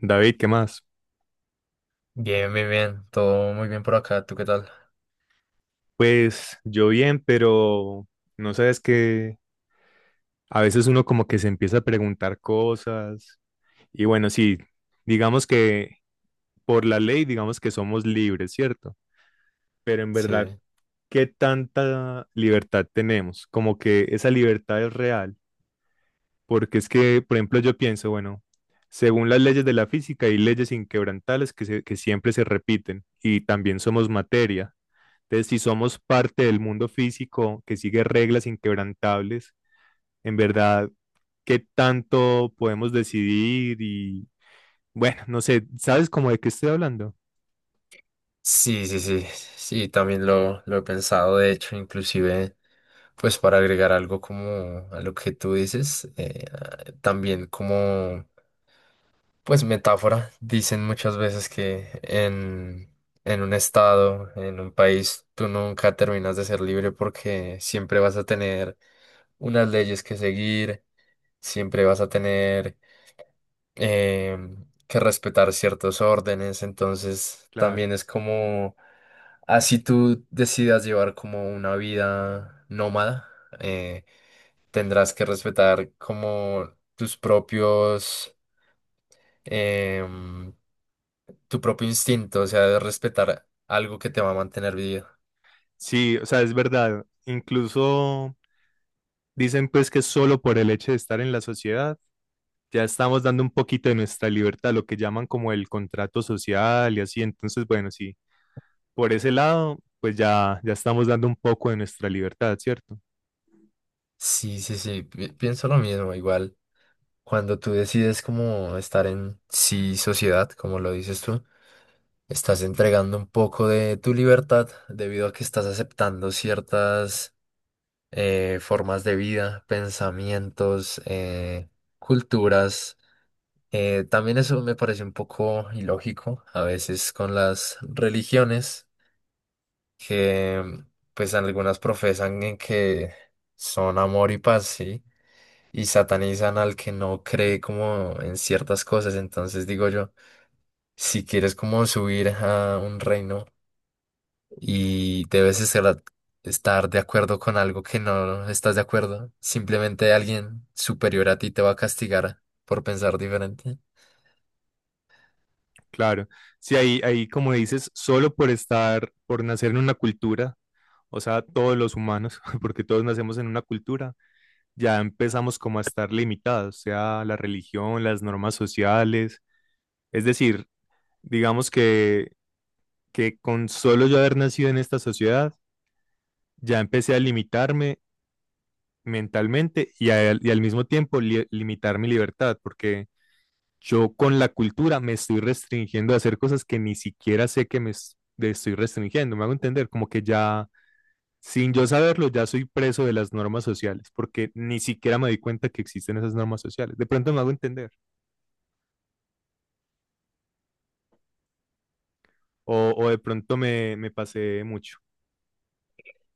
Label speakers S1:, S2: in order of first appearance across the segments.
S1: David, ¿qué más?
S2: Bien, bien, bien. Todo muy bien por acá. ¿Tú qué tal?
S1: Pues yo bien, pero no sabes que a veces uno como que se empieza a preguntar cosas y bueno, sí, digamos que por la ley, digamos que somos libres, ¿cierto? Pero en verdad,
S2: Sí.
S1: ¿qué tanta libertad tenemos? Como que esa libertad es real, porque es que, por ejemplo, yo pienso, bueno, según las leyes de la física hay leyes inquebrantables que siempre se repiten y también somos materia. Entonces, si somos parte del mundo físico que sigue reglas inquebrantables, en verdad, ¿qué tanto podemos decidir? Y bueno, no sé, ¿sabes cómo de qué estoy hablando?
S2: Sí, sí, sí. Sí, también lo he pensado. De hecho, inclusive, pues para agregar algo como a lo que tú dices, también como, pues metáfora. Dicen muchas veces que en un estado, en un país, tú nunca terminas de ser libre porque siempre vas a tener unas leyes que seguir, siempre vas a tener... eh, que respetar ciertos órdenes, entonces
S1: Claro.
S2: también es como, así tú decidas llevar como una vida nómada, eh, tendrás que respetar como tus propios, em, tu propio instinto, o sea, de respetar algo que te va a mantener vivo.
S1: Sí, o sea, es verdad. Incluso dicen pues que solo por el hecho de estar en la sociedad ya estamos dando un poquito de nuestra libertad, lo que llaman como el contrato social y así. Entonces, bueno, sí, por ese lado, pues ya estamos dando un poco de nuestra libertad, ¿cierto?
S2: Sí, sí, sí, pienso lo mismo, igual. Cuando tú decides como estar en sí sociedad, como lo dices tú, estás entregando un poco de tu libertad debido a que estás aceptando ciertas, formas de vida, pensamientos, culturas. También eso me parece un poco ilógico a veces con las religiones que pues algunas profesan en que son amor y paz, ¿sí? Y satanizan al que no cree como en ciertas cosas. Entonces digo yo, si quieres como subir a un reino y debes estar de acuerdo con algo que no estás de acuerdo. Simplemente alguien superior a ti te va a castigar por pensar diferente.
S1: Claro, sí, ahí como dices, solo por estar, por nacer en una cultura, o sea, todos los humanos, porque todos nacemos en una cultura, ya empezamos como a estar limitados, sea la religión, las normas sociales, es decir, digamos que con solo yo haber nacido en esta sociedad, ya empecé a limitarme mentalmente y al mismo tiempo limitar mi libertad, porque yo con la cultura me estoy restringiendo a hacer cosas que ni siquiera sé que me estoy restringiendo. Me hago entender, como que ya, sin yo saberlo, ya soy preso de las normas sociales, porque ni siquiera me di cuenta que existen esas normas sociales. De pronto me hago entender, o de pronto me pasé mucho.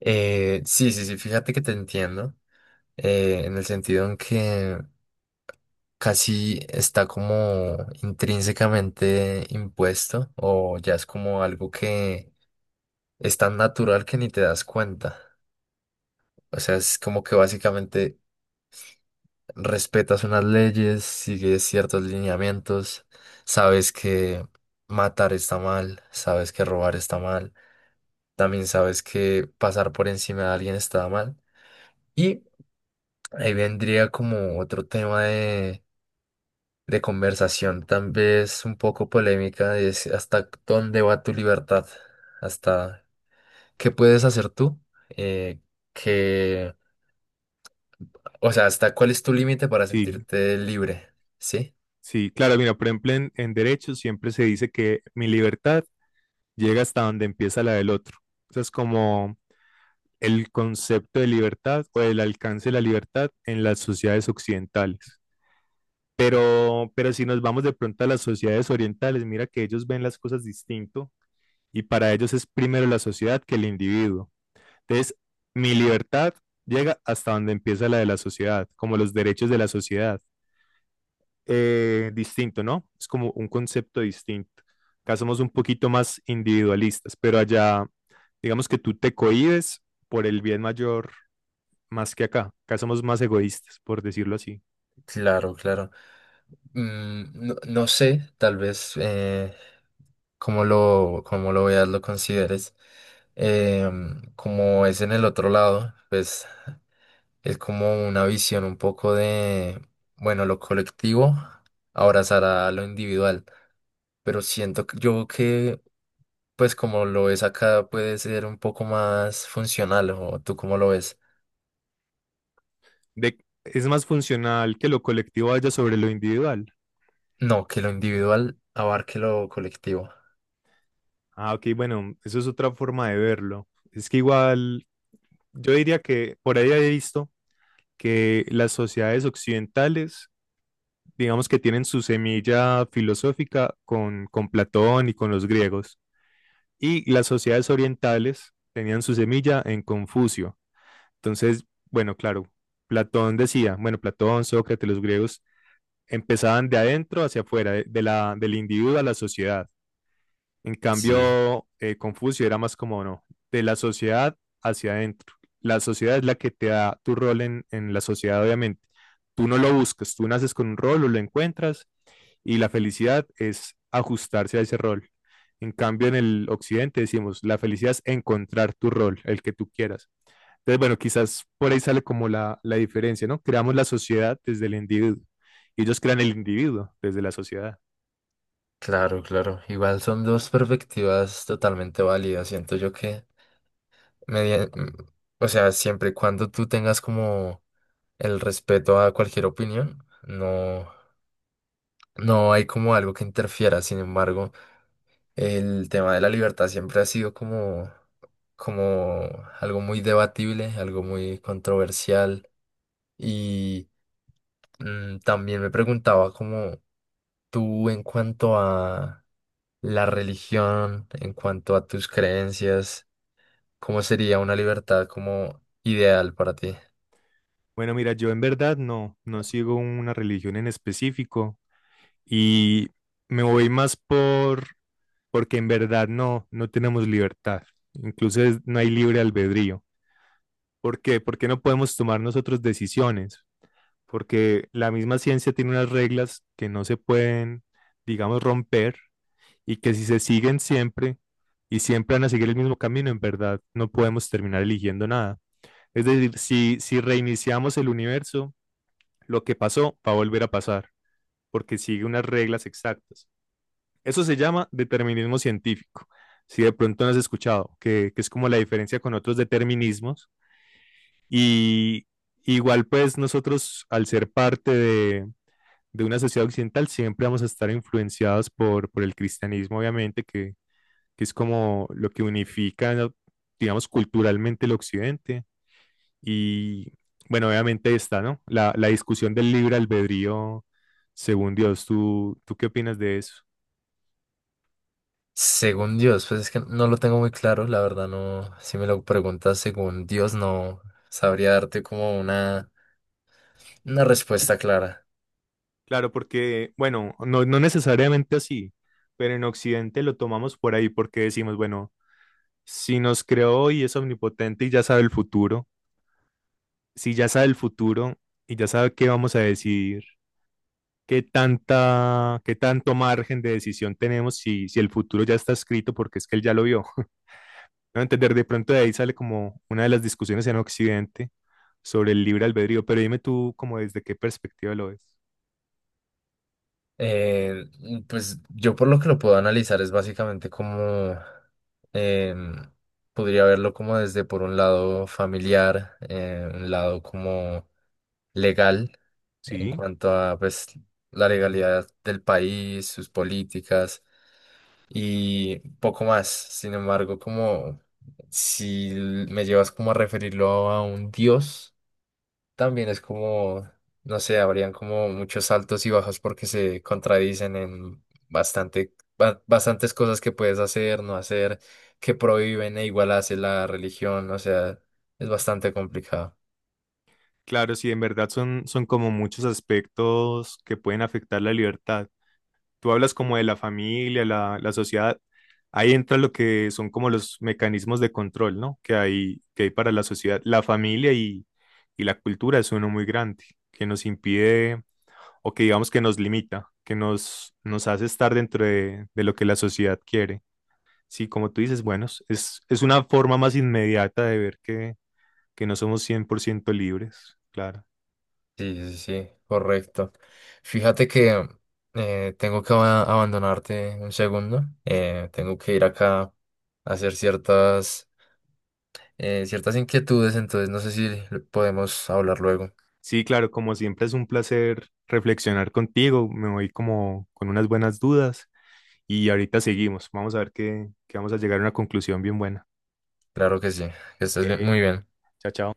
S2: Sí, sí, sí, fíjate que te entiendo, en el sentido en que casi está como intrínsecamente impuesto o ya es como algo que es tan natural que ni te das cuenta. O sea, es como que básicamente respetas unas leyes, sigues ciertos lineamientos, sabes que matar está mal, sabes que robar está mal, también sabes que pasar por encima de alguien está mal. Y ahí vendría como otro tema de conversación, tal vez un poco polémica, es hasta dónde va tu libertad, hasta qué puedes hacer tú, eh, que, o sea, hasta cuál es tu límite para
S1: Sí,
S2: sentirte libre, ¿sí?
S1: sí, claro, mira, por ejemplo, en derecho siempre se dice que mi libertad llega hasta donde empieza la del otro. Eso es como el concepto de libertad o el alcance de la libertad en las sociedades occidentales. Pero si nos vamos de pronto a las sociedades orientales, mira que ellos ven las cosas distinto y para ellos es primero la sociedad que el individuo. Entonces, mi libertad llega hasta donde empieza la de la sociedad, como los derechos de la sociedad. Distinto, ¿no? Es como un concepto distinto. Acá somos un poquito más individualistas, pero allá, digamos que tú te cohibes por el bien mayor más que acá. Acá somos más egoístas, por decirlo así.
S2: Claro, claro. Mm, no, no sé, tal vez cómo cómo lo veas, lo consideres. Em, como es en el otro lado, pues es como una visión un poco de, bueno, lo colectivo abrazará lo individual, pero siento que- yo que, pues como lo ves acá, puede ser un poco más funcional, o tú cómo lo ves.
S1: de, es más funcional que lo colectivo vaya sobre lo individual.
S2: No, que lo individual abarque lo colectivo.
S1: Ah, ok, bueno, eso es otra forma de verlo. Es que igual, yo diría que por ahí he visto que las sociedades occidentales, digamos que tienen su semilla filosófica con Platón y con los griegos, y las sociedades orientales tenían su semilla en Confucio. Entonces, bueno, claro, Platón decía, bueno, Platón, Sócrates, los griegos empezaban de adentro hacia afuera, del individuo a la sociedad. En
S2: Sí.
S1: cambio, Confucio era más como, no, de la sociedad hacia adentro. La sociedad es la que te da tu rol en la sociedad, obviamente. Tú no lo buscas, tú naces con un rol o lo encuentras y la felicidad es ajustarse a ese rol. En cambio, en el occidente decimos, la felicidad es encontrar tu rol, el que tú quieras. Entonces, bueno, quizás por ahí sale como la diferencia, ¿no? Creamos la sociedad desde el individuo y ellos crean el individuo desde la sociedad.
S2: Claro, claro. Igual son dos perspectivas totalmente válidas. Siento yo que, media- mm, o sea, siempre y cuando tú tengas como el respeto a cualquier opinión, no, no hay como algo que interfiera. Sin embargo, el tema de la libertad siempre ha sido como, como algo muy debatible, algo muy controversial. Y mm, también me preguntaba como tú en cuanto a la religión, en cuanto a tus creencias. ¿Cómo sería una libertad como ideal para ti?
S1: Bueno, mira, yo en verdad no, no sigo una religión en específico y me voy más porque en verdad no, no tenemos libertad, incluso no hay libre albedrío. ¿Por qué? Porque no podemos tomar nosotros decisiones, porque la misma ciencia tiene unas reglas que no se pueden, digamos, romper y que si se siguen siempre y siempre van a seguir el mismo camino, en verdad no podemos terminar eligiendo nada. Es decir, si reiniciamos el universo, lo que pasó va a volver a pasar, porque sigue unas reglas exactas. Eso se llama determinismo científico. Si de pronto no has escuchado, que es como la diferencia con otros determinismos. Y igual pues nosotros, al ser parte de una sociedad occidental, siempre vamos a estar influenciados por el cristianismo, obviamente, que es como lo que unifica, digamos, culturalmente el occidente y bueno, obviamente está, ¿no? La discusión del libre albedrío según Dios. ¿Tú qué opinas de eso?
S2: Según Dios, pues es que no lo tengo muy claro, la verdad no, si me lo preguntas según Dios no sabría darte como una respuesta clara.
S1: Claro, porque, bueno, no, no necesariamente así, pero en Occidente lo tomamos por ahí porque decimos, bueno, si nos creó y es omnipotente y ya sabe el futuro, si ya sabe el futuro y ya sabe qué vamos a decidir, qué tanta, qué tanto margen de decisión tenemos si, si el futuro ya está escrito porque es que él ya lo vio. A entender, de pronto de ahí sale como una de las discusiones en Occidente sobre el libre albedrío, pero dime tú como desde qué perspectiva lo ves.
S2: Eh, pues yo por lo que lo puedo analizar es básicamente como em, podría verlo como desde por un lado familiar, un lado como legal en
S1: Sí,
S2: cuanto a pues la legalidad del país, sus políticas y poco más. Sin embargo, como si l- me llevas como a referirlo a un dios, también es como, no sé, habrían como muchos altos y bajos porque se contradicen en bastantes cosas que puedes hacer, no hacer, que prohíben e igual hace la religión, o sea, es bastante complicado.
S1: claro, sí, en verdad son como muchos aspectos que pueden afectar la libertad. Tú hablas como de la familia, la sociedad, ahí entra lo que son como los mecanismos de control, ¿no? Que hay para la sociedad. La familia y la cultura es uno muy grande, que nos impide o que digamos que nos limita, que nos hace estar dentro de lo que la sociedad quiere. Sí, como tú dices, bueno, es una forma más inmediata de ver que no somos 100% libres, claro.
S2: Sí, sí, sí, correcto. Fíjate que tengo que abandonarte un segundo. Tengo que ir acá a hacer ciertas ciertas inquietudes, entonces no sé si podemos hablar luego.
S1: Sí, claro, como siempre es un placer reflexionar contigo, me voy como con unas buenas dudas y ahorita seguimos, vamos a ver que vamos a llegar a una conclusión bien buena.
S2: Claro que sí,
S1: Ok,
S2: muy bien.
S1: chao, chao.